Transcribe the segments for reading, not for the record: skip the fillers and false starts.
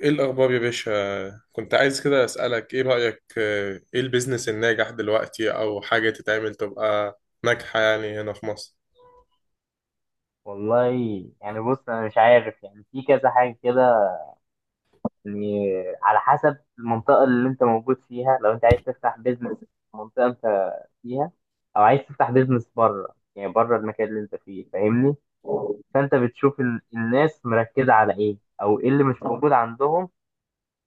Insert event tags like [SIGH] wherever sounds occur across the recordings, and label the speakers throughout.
Speaker 1: ايه الاخبار يا باشا؟ كنت عايز كده اسالك ايه رايك، ايه البيزنس الناجح دلوقتي، او حاجه تتعمل تبقى ناجحه يعني، هنا في مصر.
Speaker 2: والله. يعني بص، انا مش عارف، يعني في كذا حاجه كده. يعني على حسب المنطقه اللي انت موجود فيها. لو انت عايز تفتح بيزنس في المنطقه انت فيها، او عايز تفتح بيزنس بره، يعني بره المكان اللي انت فيه، فاهمني؟ فانت بتشوف الناس مركزه على ايه، او ايه اللي مش موجود عندهم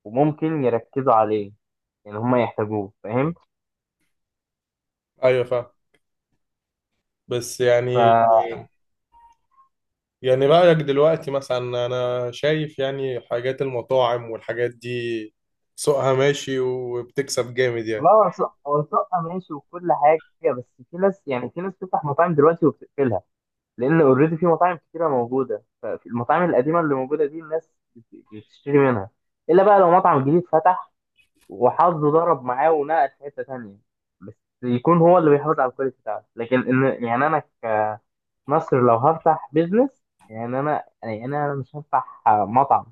Speaker 2: وممكن يركزوا عليه، يعني هم يحتاجوه، فاهم؟
Speaker 1: ايوه، فاهم. بس، يعني رايك دلوقتي مثلا؟ انا شايف يعني حاجات المطاعم والحاجات دي سوقها ماشي وبتكسب جامد يعني.
Speaker 2: فخلاص، هو شقه ماشي وكل حاجه، بس في ناس، يعني في ناس بتفتح مطاعم دلوقتي وبتقفلها، لان اوريدي في مطاعم كتيره موجوده. فالمطاعم القديمه اللي موجوده دي الناس بتشتري منها. الا بقى لو مطعم جديد فتح وحظه ضرب معاه ونقل في حته تانيه، بس يكون هو اللي بيحافظ على الكواليتي بتاعته. لكن ان، يعني انا كمصر لو هفتح بيزنس، يعني انا، يعني انا مش هفتح مطعم،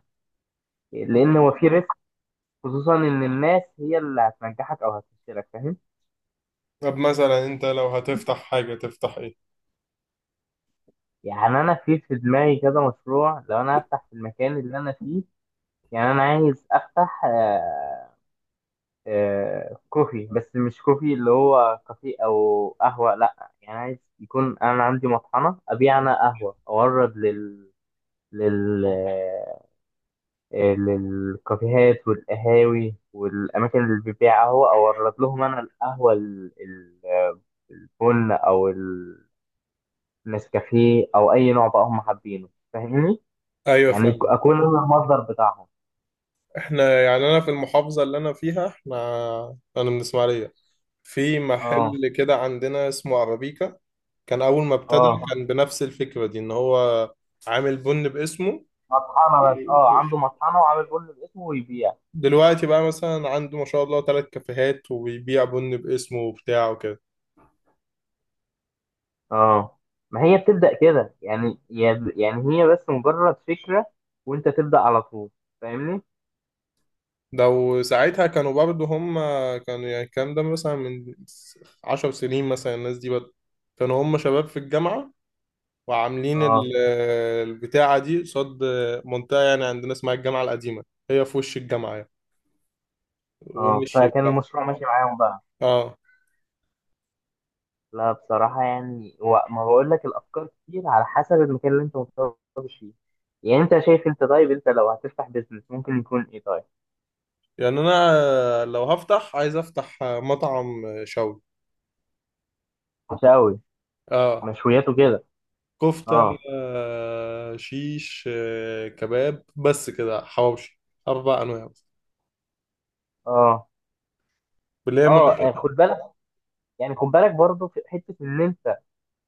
Speaker 2: لان هو في ريسك، خصوصا ان الناس هي اللي هتنجحك او هتفشلك، فاهم؟
Speaker 1: طب مثلا انت لو هتفتح حاجة تفتح ايه؟
Speaker 2: يعني انا في دماغي كذا مشروع لو انا هفتح في المكان اللي انا فيه. يعني انا عايز افتح كوفي، بس مش كوفي اللي هو كافيه او قهوه، لا، يعني عايز يكون انا عندي مطحنه ابيع انا قهوه اورد لل لل آه، للكافيهات والقهاوي والاماكن اللي بتبيع قهوه، اورد لهم انا القهوه البن او النسكافيه او اي نوع بقى هم حابينه، فاهمني؟
Speaker 1: ايوه،
Speaker 2: يعني
Speaker 1: فاهم.
Speaker 2: اكون انا المصدر بتاعهم.
Speaker 1: احنا، يعني انا في المحافظة اللي انا فيها، انا من اسماعيلية. في
Speaker 2: اه.
Speaker 1: محل كده عندنا اسمه عربيكا، كان أول ما ابتدى
Speaker 2: اه،
Speaker 1: كان بنفس الفكرة دي، إن هو عامل بن باسمه.
Speaker 2: مطحنه. بس اه، عنده مطحنه وعامل بن باسمه ويبيع.
Speaker 1: دلوقتي بقى مثلا عنده، ما شاء الله، 3 كافيهات وبيبيع بن باسمه وبتاع وكده.
Speaker 2: اه. ما هي بتبدأ كده، يعني يعني هي بس مجرد فكرة وانت تبدأ على طول، فاهمني؟
Speaker 1: ده وساعتها كانوا برضه هم، كانوا يعني، الكلام ده مثلا من 10 سنين، مثلا الناس دي بدأ. كانوا هم شباب في الجامعة وعاملين
Speaker 2: اه.
Speaker 1: البتاعة دي قصاد منطقة، يعني عندنا اسمها الجامعة القديمة، هي في وش الجامعة يعني،
Speaker 2: اه،
Speaker 1: ومشيت
Speaker 2: فكان
Speaker 1: بقى.
Speaker 2: المشروع ماشي معاهم بقى.
Speaker 1: اه.
Speaker 2: لا بصراحة، يعني ما بقول لك، الافكار كتير على حسب المكان اللي انت متخصص فيه. يعني انت شايف، انت طيب، انت لو هتفتح بيزنس ممكن يكون ايه؟ طيب،
Speaker 1: يعني انا لو هفتح عايز افتح مطعم، شوي.
Speaker 2: مشاوي؟
Speaker 1: اه.
Speaker 2: مشويات وكده؟
Speaker 1: كفتة.
Speaker 2: اه.
Speaker 1: شيش كباب، بس كده، حواوشي. 4 انواع بس،
Speaker 2: اه.
Speaker 1: اللي هي
Speaker 2: اه.
Speaker 1: ماركت.
Speaker 2: خد بالك، يعني خد بالك برضه في حتة ان انت،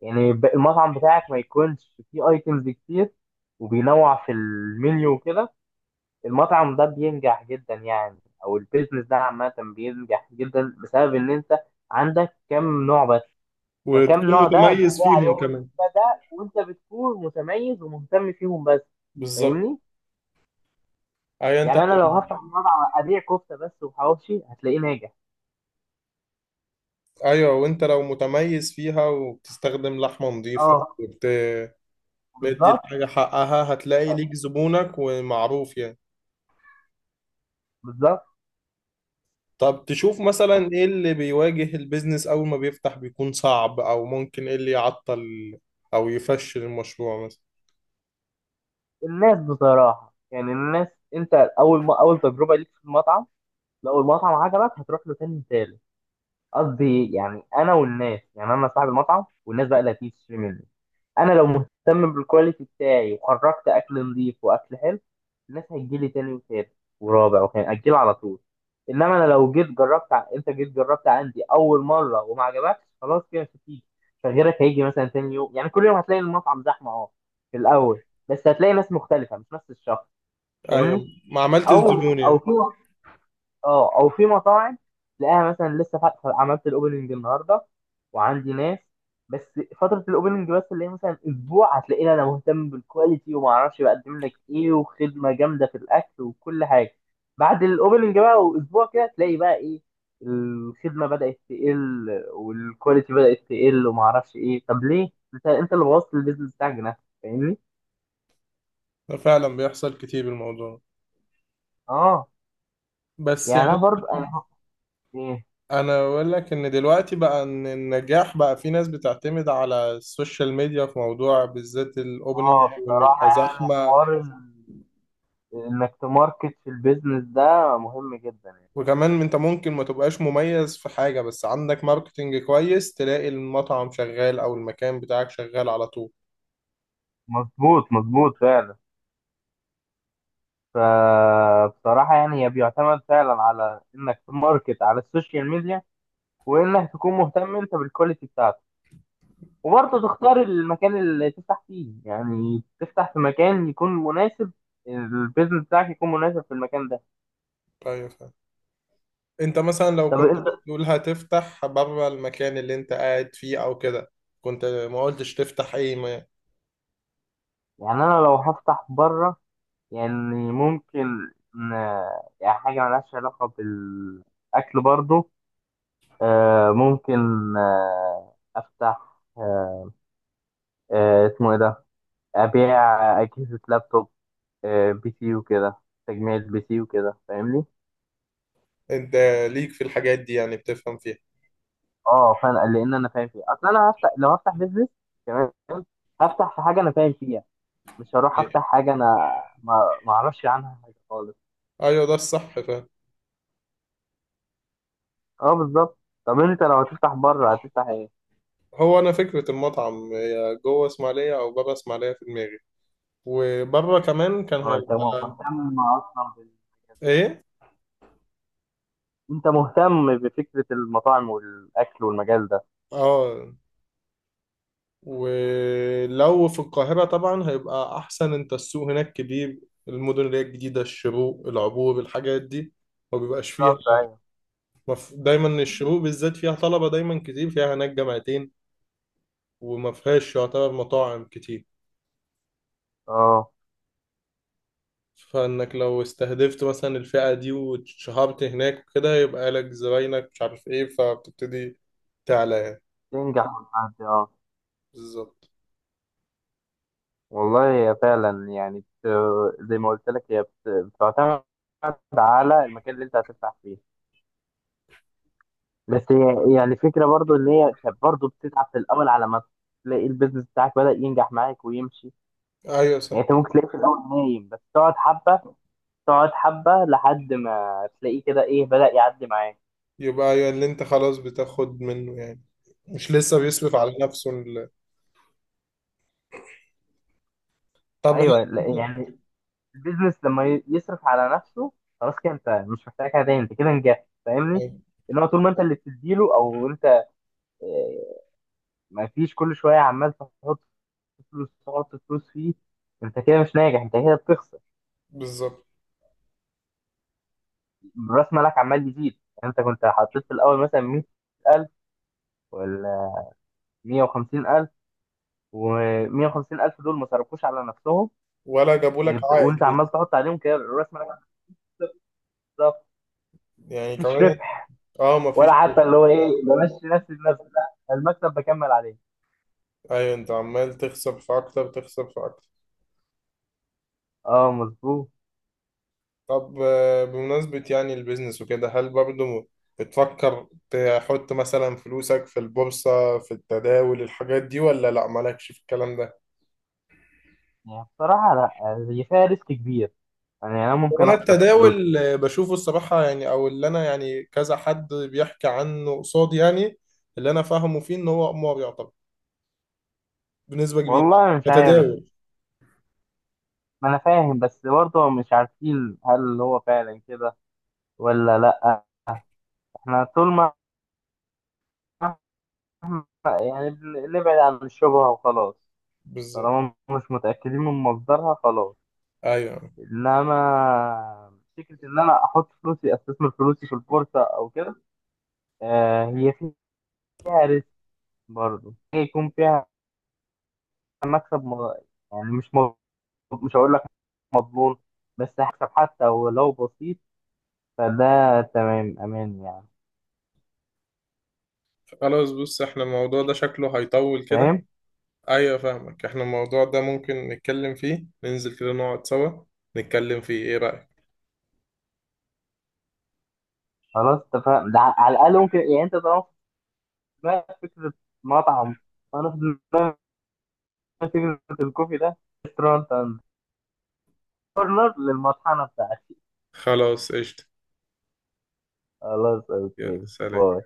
Speaker 2: يعني المطعم بتاعك ما يكونش فيه ايتمز كتير وبينوع في المنيو وكده. المطعم ده بينجح جدا، يعني او البيزنس ده عامة بينجح جدا بسبب ان انت عندك كم نوع بس. فكم
Speaker 1: وتكون
Speaker 2: نوع ده
Speaker 1: متميز
Speaker 2: بتلاقي
Speaker 1: فيهم
Speaker 2: عليهم
Speaker 1: كمان.
Speaker 2: المنتجات ده، وانت بتكون متميز ومهتم فيهم بس،
Speaker 1: بالظبط.
Speaker 2: فاهمني؟
Speaker 1: ايوه، انت.
Speaker 2: يعني انا لو هفتح مطعم ابيع كفتة بس وحواوشي هتلاقيه ناجح.
Speaker 1: ايوه، وانت لو متميز فيها وبتستخدم لحمة نظيفة،
Speaker 2: اه،
Speaker 1: وبت مدي
Speaker 2: بالظبط.
Speaker 1: الحاجة حقها، هتلاقي ليك زبونك ومعروف يعني.
Speaker 2: بالظبط.
Speaker 1: طب تشوف مثلا ايه اللي بيواجه البيزنس اول ما بيفتح، بيكون صعب، او ممكن ايه اللي يعطل او يفشل المشروع مثلا؟
Speaker 2: الناس بصراحة، يعني الناس، انت اول ما اول تجربة ليك في المطعم، لو المطعم عجبك هتروح له تاني، تالت. قصدي يعني انا والناس، يعني انا صاحب المطعم والناس بقى اللي هتيجي تشتري مني. انا لو مهتم بالكواليتي بتاعي وخرجت اكل نظيف واكل حلو، الناس هتجي لي تاني وتالت ورابع وخامس، هتجي لي على طول. انما انا لو جيت جربت انت جيت جربت عندي اول مره وما عجبكش، خلاص كده مش هتيجي. فغيرك هيجي مثلا تاني يوم. يعني كل يوم هتلاقي المطعم زحمه اه، في الاول، بس هتلاقي ناس مختلفه مش نفس الشخص، فاهمني؟
Speaker 1: ايوه، ما عملتش
Speaker 2: او،
Speaker 1: زبون
Speaker 2: او
Speaker 1: يعني.
Speaker 2: في، اه او في مطاعم تلاقيها مثلا لسه فاتحه، عملت الاوبننج النهارده وعندي ناس، بس فتره الاوبننج بس اللي هي مثلا اسبوع هتلاقيني انا مهتم بالكواليتي وما اعرفش بقدم لك ايه وخدمه جامده في الاكل وكل حاجه. بعد الاوبننج بقى واسبوع كده، تلاقي بقى ايه، الخدمه بدات تقل والكواليتي بدات تقل وما اعرفش ايه. طب ليه؟ انت، انت اللي بوظت البيزنس بتاعك بنفسك، فاهمني؟
Speaker 1: ده فعلا بيحصل كتير، الموضوع.
Speaker 2: اه.
Speaker 1: بس
Speaker 2: يعني انا
Speaker 1: يعني،
Speaker 2: برضه انا، ايه،
Speaker 1: انا اقول لك، ان دلوقتي بقى، ان النجاح بقى في ناس بتعتمد على السوشيال ميديا في موضوع بالذات الاوبننج،
Speaker 2: اه
Speaker 1: وان
Speaker 2: بصراحه
Speaker 1: يبقى
Speaker 2: يعني
Speaker 1: زحمه.
Speaker 2: حوار انك تماركت في البيزنس ده مهم جدا. يعني
Speaker 1: وكمان انت ممكن ما تبقاش مميز في حاجه، بس عندك ماركتنج كويس، تلاقي المطعم شغال او المكان بتاعك شغال على طول.
Speaker 2: مظبوط، مظبوط فعلا. فبصراحة يعني هي بيعتمد فعلا على انك تماركت على السوشيال ميديا، وانك تكون مهتم انت بالكواليتي بتاعتك، وبرضه تختار المكان اللي تفتح فيه، يعني تفتح في مكان يكون مناسب، البيزنس بتاعك يكون مناسب في المكان ده.
Speaker 1: ايوه. انت مثلا لو
Speaker 2: طب
Speaker 1: كنت
Speaker 2: انت،
Speaker 1: بتقول هتفتح بره المكان اللي انت قاعد فيه او كده، كنت ما قلتش تفتح ايه، ما
Speaker 2: يعني انا لو هفتح بره، يعني ممكن إن- يعني حاجة ملهاش علاقة بال اكل برضه. ممكن أفتح اسمه إيه ده، أبيع أجهزة لابتوب، بي سي وكده، تجميع البي سي وكده، فاهمني؟
Speaker 1: انت ليك في الحاجات دي، يعني بتفهم فيها.
Speaker 2: أه، فأنا لأن أنا فاهم فيه. أصل أنا هفتح، لو هفتح بيزنس، تمام، هفتح في حاجة أنا فاهم فيها، مش هروح
Speaker 1: ايوه،
Speaker 2: أفتح حاجة أنا ما أعرفش عنها حاجة خالص.
Speaker 1: ايوه، ده الصح فاهم.
Speaker 2: أه، بالظبط. طب أنت لو هتفتح بره هتفتح إيه؟
Speaker 1: هو انا فكرة المطعم هي جوه اسماعيلية او بره اسماعيلية في دماغي، وبره كمان كان
Speaker 2: أه، أنت
Speaker 1: هيبقى.
Speaker 2: مهتم أصلا
Speaker 1: ايه.
Speaker 2: أنت مهتم بفكرة المطاعم والأكل والمجال ده.
Speaker 1: اه. ولو في القاهرة طبعا هيبقى احسن، انت السوق هناك كبير، المدن اللي هي الجديدة، الشروق، العبور، الحاجات دي ما بيبقاش فيها.
Speaker 2: بالظبط أيوه.
Speaker 1: دايما الشروق بالذات فيها طلبة دايما كتير، فيها هناك جامعتين، وما فيهاش يعتبر مطاعم كتير.
Speaker 2: أه،
Speaker 1: فانك لو استهدفت مثلا الفئة دي واتشهرت هناك وكده، يبقى لك زباينك، مش عارف ايه، فبتبتدي تعلى يعني.
Speaker 2: تنجح وتعدي، اه.
Speaker 1: بالظبط.
Speaker 2: والله هي فعلا يعني زي ما قلت لك هي بتعتمد على المكان اللي انت هتفتح فيه. بس هي يعني فكرة برضو ان هي كانت برضو بتتعب في الاول، على ما تلاقي البيزنس بتاعك بدأ ينجح معاك ويمشي.
Speaker 1: ايوه، صح.
Speaker 2: يعني انت ممكن تلاقيه في الاول نايم، بس تقعد حبة، تقعد حبة لحد ما تلاقيه كده ايه، بدأ يعدي معاك.
Speaker 1: يبقى ايوه، اللي انت خلاص بتاخد منه يعني، مش لسه بيصرف على
Speaker 2: بالظبط.
Speaker 1: نفسه. طب هل
Speaker 2: ايوه لا،
Speaker 1: انت
Speaker 2: يعني البيزنس لما يصرف على نفسه خلاص كده انت مش محتاج حاجه تاني، انت كده نجحت،
Speaker 1: [LAUGHS]
Speaker 2: فاهمني؟
Speaker 1: أيوة،
Speaker 2: انما طول ما انت اللي بتديله، او انت، آه، ما فيش، كل شويه عمال تحط فلوس، تحط فلوس فيه، انت كده مش ناجح، انت كده بتخسر.
Speaker 1: بالظبط.
Speaker 2: راس مالك عمال يزيد، يعني انت كنت حطيت في الاول مثلا 100,000 ولا 150,000، و150000 دول ما صرفوش على نفسهم.
Speaker 1: ولا جابوا لك عائد
Speaker 2: وانت عمال
Speaker 1: لسه.
Speaker 2: تحط عليهم كده راس مالك. بالظبط.
Speaker 1: يعني
Speaker 2: مفيش
Speaker 1: كمان.
Speaker 2: ربح،
Speaker 1: اه، مفيش.
Speaker 2: ولا حتى اللي هو ايه، بمشي نفسي بنفسي، لا، المكسب بكمل عليه.
Speaker 1: ايوه، انت عمال تخسر في اكتر، تخسر في اكتر.
Speaker 2: اه، مظبوط.
Speaker 1: طب، بمناسبة يعني البيزنس وكده، هل برضو بتفكر تحط مثلا فلوسك في البورصة، في التداول، الحاجات دي، ولا لا، مالكش في الكلام ده؟
Speaker 2: يعني بصراحة لا، هي فيها ريسك كبير، يعني انا ممكن
Speaker 1: وانا
Speaker 2: اخسر فلوسي.
Speaker 1: التداول، بشوفه الصراحة يعني، او اللي انا يعني كذا حد بيحكي عنه قصادي يعني، اللي انا فاهمه فيه ان هو قمار يعتبر بنسبة كبيرة يعني
Speaker 2: والله مش عارف،
Speaker 1: كتداول.
Speaker 2: ما انا فاهم، بس برضه مش عارفين هل هو فعلا كده ولا لا. احنا طول ما، يعني نبعد عن الشبهة وخلاص.
Speaker 1: بالظبط.
Speaker 2: طالما مش متأكدين من مصدرها خلاص.
Speaker 1: ايوه،
Speaker 2: انما فكرة ان انا احط فلوسي، استثمر فلوسي في البورصة او كده، آه، هي فيها ريسك برضه. هي يكون فيها مكسب يعني مش، مش هقول لك مضمون، بس هكسب حتى ولو بسيط، فده تمام، امان يعني.
Speaker 1: خلاص، بص، احنا الموضوع ده شكله هيطول كده.
Speaker 2: فاهم.
Speaker 1: ايوه، فاهمك، احنا الموضوع ده ممكن نتكلم فيه، ننزل كده نقعد سوا نتكلم فيه، ايه رأيك؟
Speaker 2: خلاص اتفقنا. ده على الاقل ممكن، يعني انت طالما في دماغك فكره مطعم، وانا في دماغي فكره الكوفي ده، ريستورانت اند كورنر للمطحنه بتاعتي.
Speaker 1: خلاص، قشطة.
Speaker 2: خلاص،
Speaker 1: يلا،
Speaker 2: اوكي،
Speaker 1: سلام.
Speaker 2: باي.